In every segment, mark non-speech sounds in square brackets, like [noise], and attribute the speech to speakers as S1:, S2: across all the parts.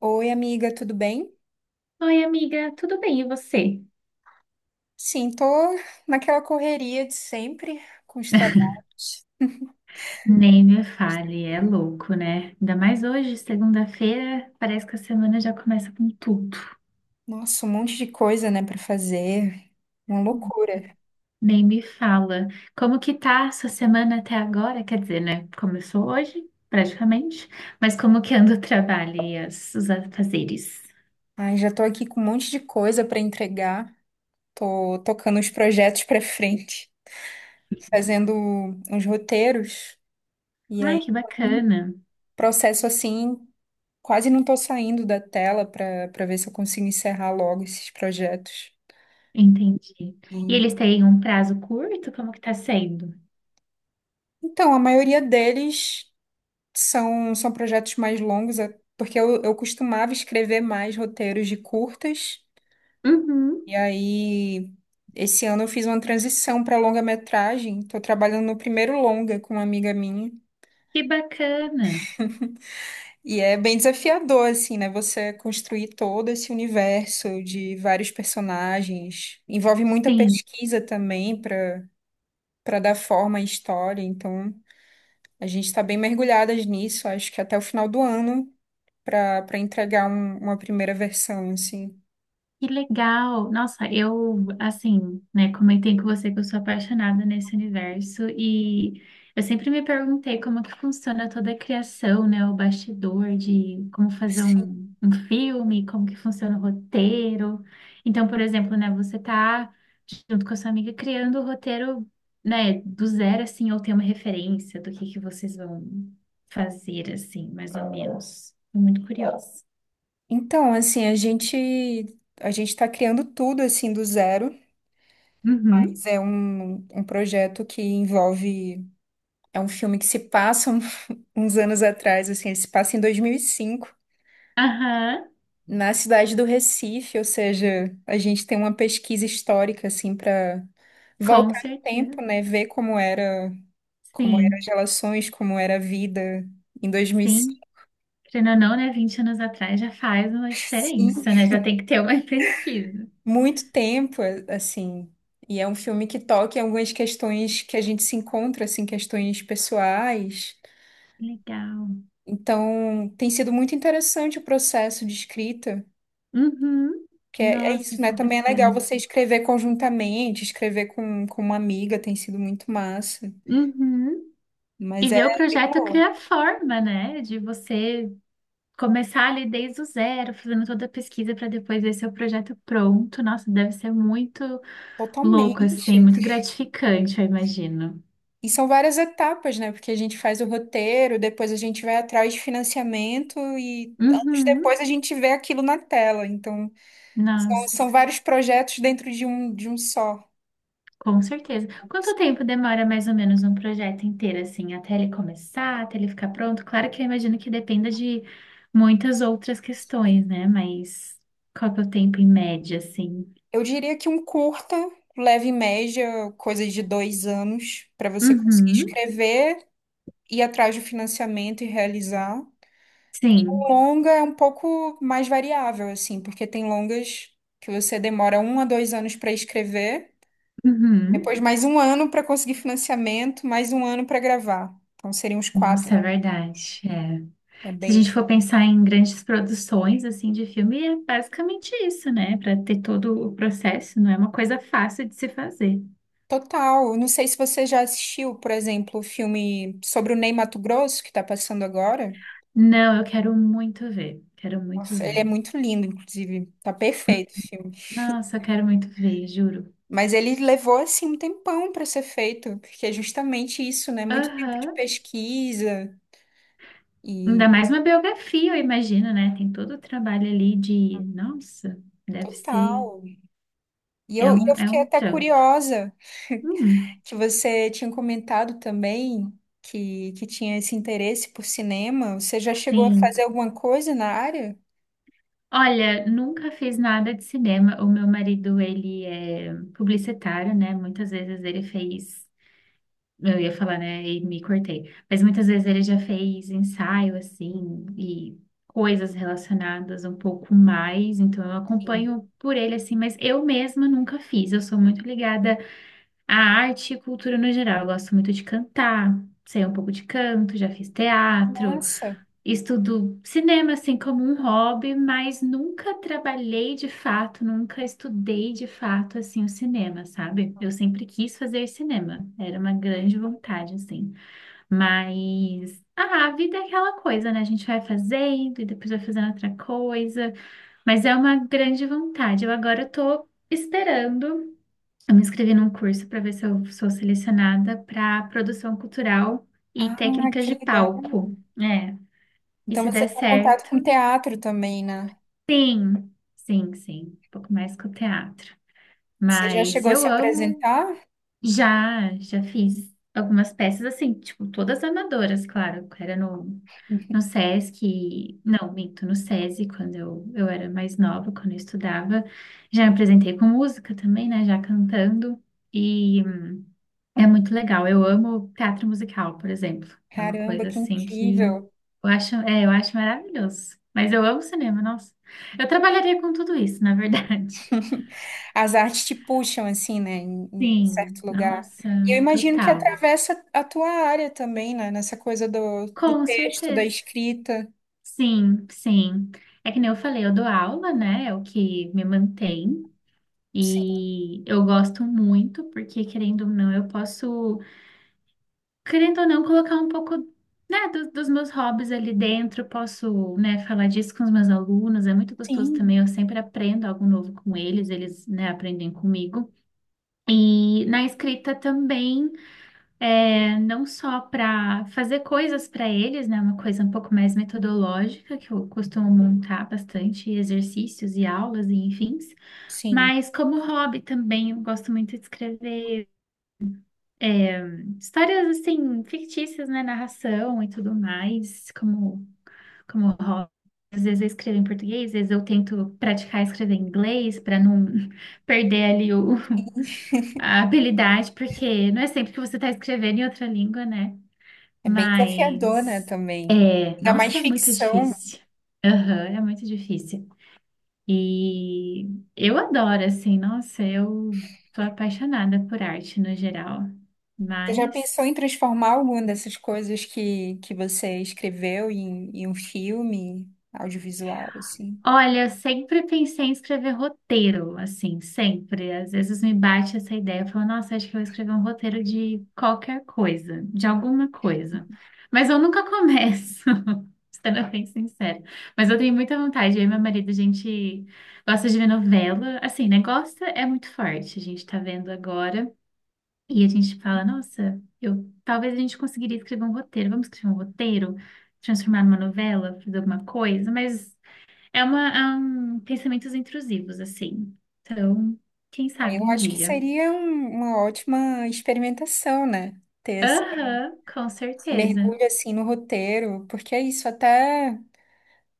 S1: Oi, amiga, tudo bem?
S2: Oi, amiga, tudo bem? E você?
S1: Sim, tô naquela correria de sempre com os trabalhos. [laughs]
S2: Nem me
S1: Mas
S2: fale, é
S1: tranquilo.
S2: louco, né? Ainda mais hoje, segunda-feira, parece que a semana já começa com tudo.
S1: Nossa, um monte de coisa, né, pra fazer. Uma loucura.
S2: Nem me fala. Como que tá a sua semana até agora? Quer dizer, né? Começou hoje, praticamente, mas como que anda o trabalho e os afazeres?
S1: Ai, já tô aqui com um monte de coisa pra entregar. Tô tocando os projetos pra frente, fazendo uns roteiros. E aí,
S2: Ai, que
S1: foi um
S2: bacana.
S1: processo assim, quase não tô saindo da tela pra para ver se eu consigo encerrar logo esses projetos.
S2: Entendi.
S1: E
S2: E eles têm um prazo curto? Como que tá sendo?
S1: então, a maioria deles são projetos mais longos, porque eu costumava escrever mais roteiros de curtas, e
S2: Uhum.
S1: aí esse ano eu fiz uma transição para longa-metragem. Estou trabalhando no primeiro longa com uma amiga minha,
S2: Que bacana.
S1: [laughs] e é bem desafiador, assim, né? Você construir todo esse universo de vários personagens. Envolve muita
S2: Sim.
S1: pesquisa também para dar forma à história, então a gente está bem mergulhadas nisso, acho que até o final do ano, para entregar uma primeira versão, assim.
S2: Que legal! Nossa, eu, assim, né, comentei com você que eu sou apaixonada nesse universo e eu sempre me perguntei como que funciona toda a criação, né, o bastidor de como fazer
S1: Sim.
S2: um filme, como que funciona o roteiro. Então, por exemplo, né, você tá junto com a sua amiga criando o roteiro, né, do zero, assim, ou tem uma referência do que vocês vão fazer, assim, mais ou menos. Tô muito curiosa.
S1: Então, assim, a gente está criando tudo assim do zero. Mas
S2: Uhum.
S1: é um, um projeto que envolve é um filme que se passa [laughs] uns anos atrás, assim, ele se passa em 2005
S2: Aham,
S1: na cidade do Recife, ou seja, a gente tem uma pesquisa histórica assim para
S2: com
S1: voltar no tempo,
S2: certeza.
S1: né, ver como era como eram as
S2: Sim,
S1: relações, como era a vida em 2005.
S2: sim. Querendo ou não, né? 20 anos atrás já faz uma diferença,
S1: [laughs]
S2: né? Já tem que ter uma [laughs] pesquisa.
S1: Muito tempo, assim. E é um filme que toca em algumas questões que a gente se encontra, assim, questões pessoais.
S2: Legal.
S1: Então, tem sido muito interessante o processo de escrita,
S2: Uhum.
S1: que é, é
S2: Nossa,
S1: isso, né?
S2: que
S1: Também é legal
S2: bacana.
S1: você escrever conjuntamente, escrever com uma amiga, tem sido muito massa.
S2: Uhum.
S1: Mas
S2: E
S1: é
S2: ver o
S1: bem
S2: projeto
S1: boa,
S2: criar forma, né? De você começar ali desde o zero, fazendo toda a pesquisa para depois ver seu projeto pronto. Nossa, deve ser muito louco, assim,
S1: totalmente.
S2: muito gratificante, eu imagino.
S1: E são várias etapas, né? Porque a gente faz o roteiro, depois a gente vai atrás de financiamento e anos
S2: Uhum.
S1: depois a gente vê aquilo na tela. Então, São,
S2: Nossa.
S1: são vários projetos dentro de um só.
S2: Com certeza. Quanto tempo demora mais ou menos um projeto inteiro, assim, até ele começar, até ele ficar pronto? Claro que eu imagino que dependa de muitas outras
S1: Assim.
S2: questões, né? Mas qual que é o tempo em média, assim?
S1: Eu diria que um curta, leve e média, coisa de dois anos, para você conseguir
S2: Uhum,
S1: escrever, ir atrás do financiamento e realizar.
S2: sim.
S1: O longa é um pouco mais variável, assim, porque tem longas que você demora um a dois anos para escrever,
S2: Uhum.
S1: depois mais um ano para conseguir financiamento, mais um ano para gravar. Então seriam uns quatro.
S2: Nossa, é verdade. É.
S1: É
S2: Se a gente
S1: bem.
S2: for pensar em grandes produções, assim, de filme, é basicamente isso, né? Para ter todo o processo, não é uma coisa fácil de se fazer.
S1: Total. Eu não sei se você já assistiu, por exemplo, o filme sobre o Ney Matogrosso, que tá passando agora.
S2: Não, eu quero muito ver. Quero muito
S1: Nossa, ele
S2: ver.
S1: é muito lindo, inclusive. Tá perfeito o filme.
S2: Nossa, eu quero muito ver, juro.
S1: Mas ele levou, assim, um tempão para ser feito, porque é justamente isso, né? Muito tempo de
S2: Aham.
S1: pesquisa e
S2: Ainda mais uma biografia, eu imagino, né? Tem todo o trabalho ali de. Nossa, deve ser.
S1: total. E eu, e eu
S2: É
S1: fiquei
S2: um
S1: até
S2: trampo.
S1: curiosa
S2: Hum,
S1: que você tinha comentado também que tinha esse interesse por cinema. Você já chegou a fazer
S2: sim.
S1: alguma coisa na área?
S2: Olha, nunca fiz nada de cinema. O meu marido, ele é publicitário, né? Muitas vezes ele fez. Eu ia falar, né? E me cortei. Mas muitas vezes ele já fez ensaio, assim, e coisas relacionadas um pouco mais. Então eu
S1: Sim.
S2: acompanho por ele, assim, mas eu mesma nunca fiz. Eu sou muito ligada à arte e cultura no geral. Eu gosto muito de cantar, sei um pouco de canto, já fiz teatro.
S1: Nossa.
S2: Estudo cinema, assim, como um hobby, mas nunca trabalhei de fato, nunca estudei de fato, assim, o cinema, sabe? Eu sempre quis fazer cinema, era uma grande vontade, assim. Mas, ah, a vida é aquela coisa, né? A gente vai fazendo e depois vai fazendo outra coisa, mas é uma grande vontade. Eu agora tô esperando, eu me inscrevi num curso para ver se eu sou selecionada para produção cultural e
S1: Ah,
S2: técnicas
S1: que
S2: de
S1: legal.
S2: palco. É. E
S1: Então
S2: se
S1: você
S2: der
S1: tem contato
S2: certo,
S1: com teatro também, né?
S2: sim, sim, sim, um pouco mais com o teatro.
S1: Você já
S2: Mas
S1: chegou a
S2: eu
S1: se
S2: amo,
S1: apresentar?
S2: já fiz algumas peças assim, tipo, todas amadoras, claro, era no, no
S1: [laughs]
S2: Sesc, não, minto, no SESI, quando eu era mais nova, quando eu estudava, já me apresentei com música também, né, já cantando, e é muito legal. Eu amo teatro musical, por exemplo. É uma
S1: Caramba,
S2: coisa
S1: que
S2: assim que
S1: incrível!
S2: eu acho, é, eu acho maravilhoso. Mas eu amo cinema, nossa. Eu trabalharia com tudo isso, na verdade.
S1: [laughs] As artes te puxam assim, né, em,
S2: [laughs]
S1: em
S2: Sim,
S1: certo lugar.
S2: nossa,
S1: E eu imagino que
S2: total.
S1: atravessa a tua área também, né, nessa coisa do, do
S2: Com
S1: texto, da
S2: certeza.
S1: escrita.
S2: Sim, sim. É que nem eu falei, eu dou aula, né? É o que me mantém.
S1: Sim,
S2: E eu gosto muito, porque querendo ou não, eu posso. Querendo ou não, colocar um pouco, né, dos meus hobbies ali dentro. Posso, né, falar disso com os meus alunos. É muito gostoso
S1: sim,
S2: também. Eu sempre aprendo algo novo com eles, eles, né, aprendem comigo. E na escrita também, é, não só para fazer coisas para eles, né, uma coisa um pouco mais metodológica, que eu costumo montar bastante exercícios e aulas e enfim,
S1: sim.
S2: mas como hobby também, eu gosto muito de escrever é, histórias assim, fictícias, né? Narração e tudo mais, como, como hobby. Às vezes eu escrevo em português, às vezes eu tento praticar escrever em inglês para não [laughs] perder ali o, a habilidade, porque não é sempre que você está escrevendo em outra língua, né?
S1: É bem desafiador, né,
S2: Mas
S1: também.
S2: é,
S1: Ainda mais
S2: nossa, é muito
S1: ficção.
S2: difícil. Aham, é muito difícil. E eu adoro, assim, nossa, eu tô apaixonada por arte no geral.
S1: Você já
S2: Mas.
S1: pensou em transformar alguma dessas coisas que você escreveu em, em um filme audiovisual, assim?
S2: Olha, eu sempre pensei em escrever roteiro, assim, sempre. Às vezes me bate essa ideia, eu falo, nossa, acho que eu vou escrever um roteiro de qualquer coisa, de alguma coisa. Mas eu nunca começo, [laughs] sendo bem sincera. Mas eu tenho muita vontade, eu e meu marido, a gente gosta de ver novela, assim, né? Gosta é muito forte, a gente tá vendo agora. E a gente fala, nossa, eu talvez a gente conseguiria escrever um roteiro, vamos escrever um roteiro, transformar numa novela, fazer alguma coisa, mas. É um pensamentos intrusivos, assim. Então, quem
S1: Aí
S2: sabe
S1: eu
S2: um
S1: acho que
S2: dia.
S1: seria uma ótima experimentação, né? Ter esse
S2: Aham, com
S1: esse
S2: certeza.
S1: mergulho assim no roteiro, porque é isso, até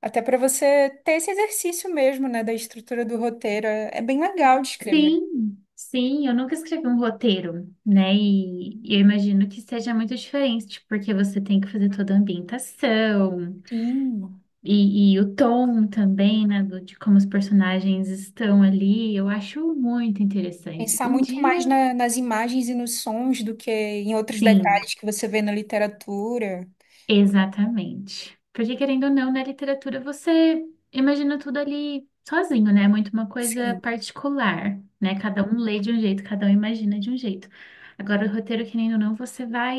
S1: até para você ter esse exercício mesmo, né, da estrutura do roteiro, é, é bem legal de escrever.
S2: Sim, sim, eu nunca escrevi um roteiro, né? E eu imagino que seja muito diferente, porque você tem que fazer toda a ambientação
S1: Sim.
S2: e o tom também, né? De como os personagens estão ali. Eu acho muito interessante.
S1: Pensar
S2: Um
S1: muito mais
S2: dia,
S1: nas imagens e nos sons do que em outros
S2: sim.
S1: detalhes que você vê na literatura.
S2: Exatamente. Porque querendo ou não, na literatura você imagina tudo ali sozinho, né? É muito uma coisa
S1: Sim.
S2: particular, né? Cada um lê de um jeito, cada um imagina de um jeito. Agora, o roteiro, querendo ou não, você vai,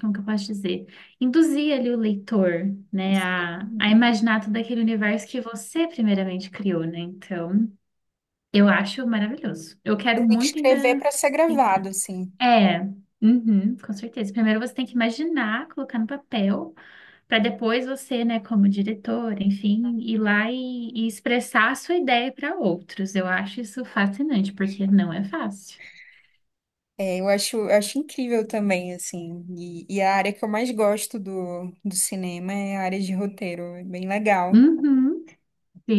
S2: como que eu posso dizer? Induzir ali o leitor, né? A imaginar todo aquele universo que você primeiramente criou, né? Então, eu acho maravilhoso. Eu
S1: Você
S2: quero
S1: tem que
S2: muito
S1: escrever
S2: ainda
S1: para ser gravado,
S2: tentar.
S1: assim.
S2: É, uhum, com certeza. Primeiro você tem que imaginar, colocar no papel para depois você, né, como diretor, enfim, ir lá e expressar a sua ideia para outros. Eu acho isso fascinante, porque não é fácil.
S1: Eu acho incrível também, assim. E a área que eu mais gosto do, do cinema é a área de roteiro. É bem legal.
S2: Uhum,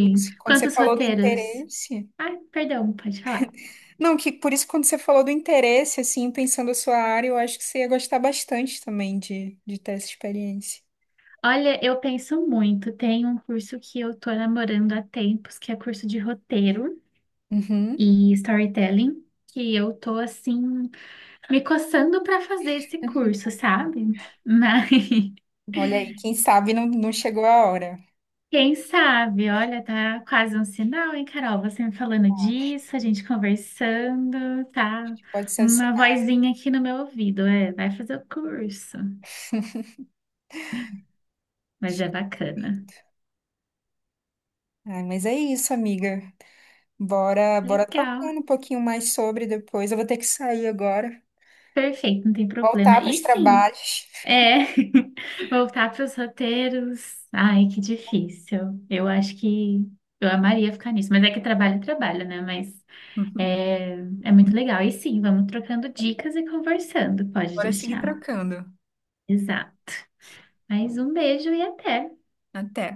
S1: Porque quando você
S2: Quantos
S1: falou do
S2: roteiros?
S1: interesse.
S2: Ai, perdão, pode falar.
S1: Não, que por isso, que quando você falou do interesse, assim, pensando a sua área, eu acho que você ia gostar bastante também de ter essa experiência.
S2: Olha, eu penso muito. Tem um curso que eu tô namorando há tempos, que é curso de roteiro
S1: Uhum.
S2: e storytelling, que eu tô assim me coçando para fazer esse
S1: [laughs]
S2: curso, sabe? [laughs] Mas
S1: Olha aí, quem sabe não chegou a hora.
S2: quem sabe? Olha, tá quase um sinal, hein, Carol? Você me falando
S1: Acho
S2: disso, a gente conversando, tá?
S1: que pode ser um
S2: Uma
S1: sinal.
S2: vozinha aqui no meu ouvido, é, vai fazer o curso, mas é bacana.
S1: Ai, mas é isso, amiga. Bora
S2: Legal,
S1: trocando um pouquinho mais sobre depois. Eu vou ter que sair agora,
S2: perfeito, não tem
S1: voltar
S2: problema.
S1: para
S2: E
S1: os
S2: sim,
S1: trabalhos.
S2: é, [laughs] voltar para os roteiros, ai, que difícil. Eu acho que eu amaria ficar nisso, mas é que trabalho, é trabalho, né? Mas é, é muito legal. E sim, vamos trocando dicas e conversando, pode
S1: Bora seguir
S2: deixar.
S1: trocando.
S2: Exato. Mas um beijo e até.
S1: Até.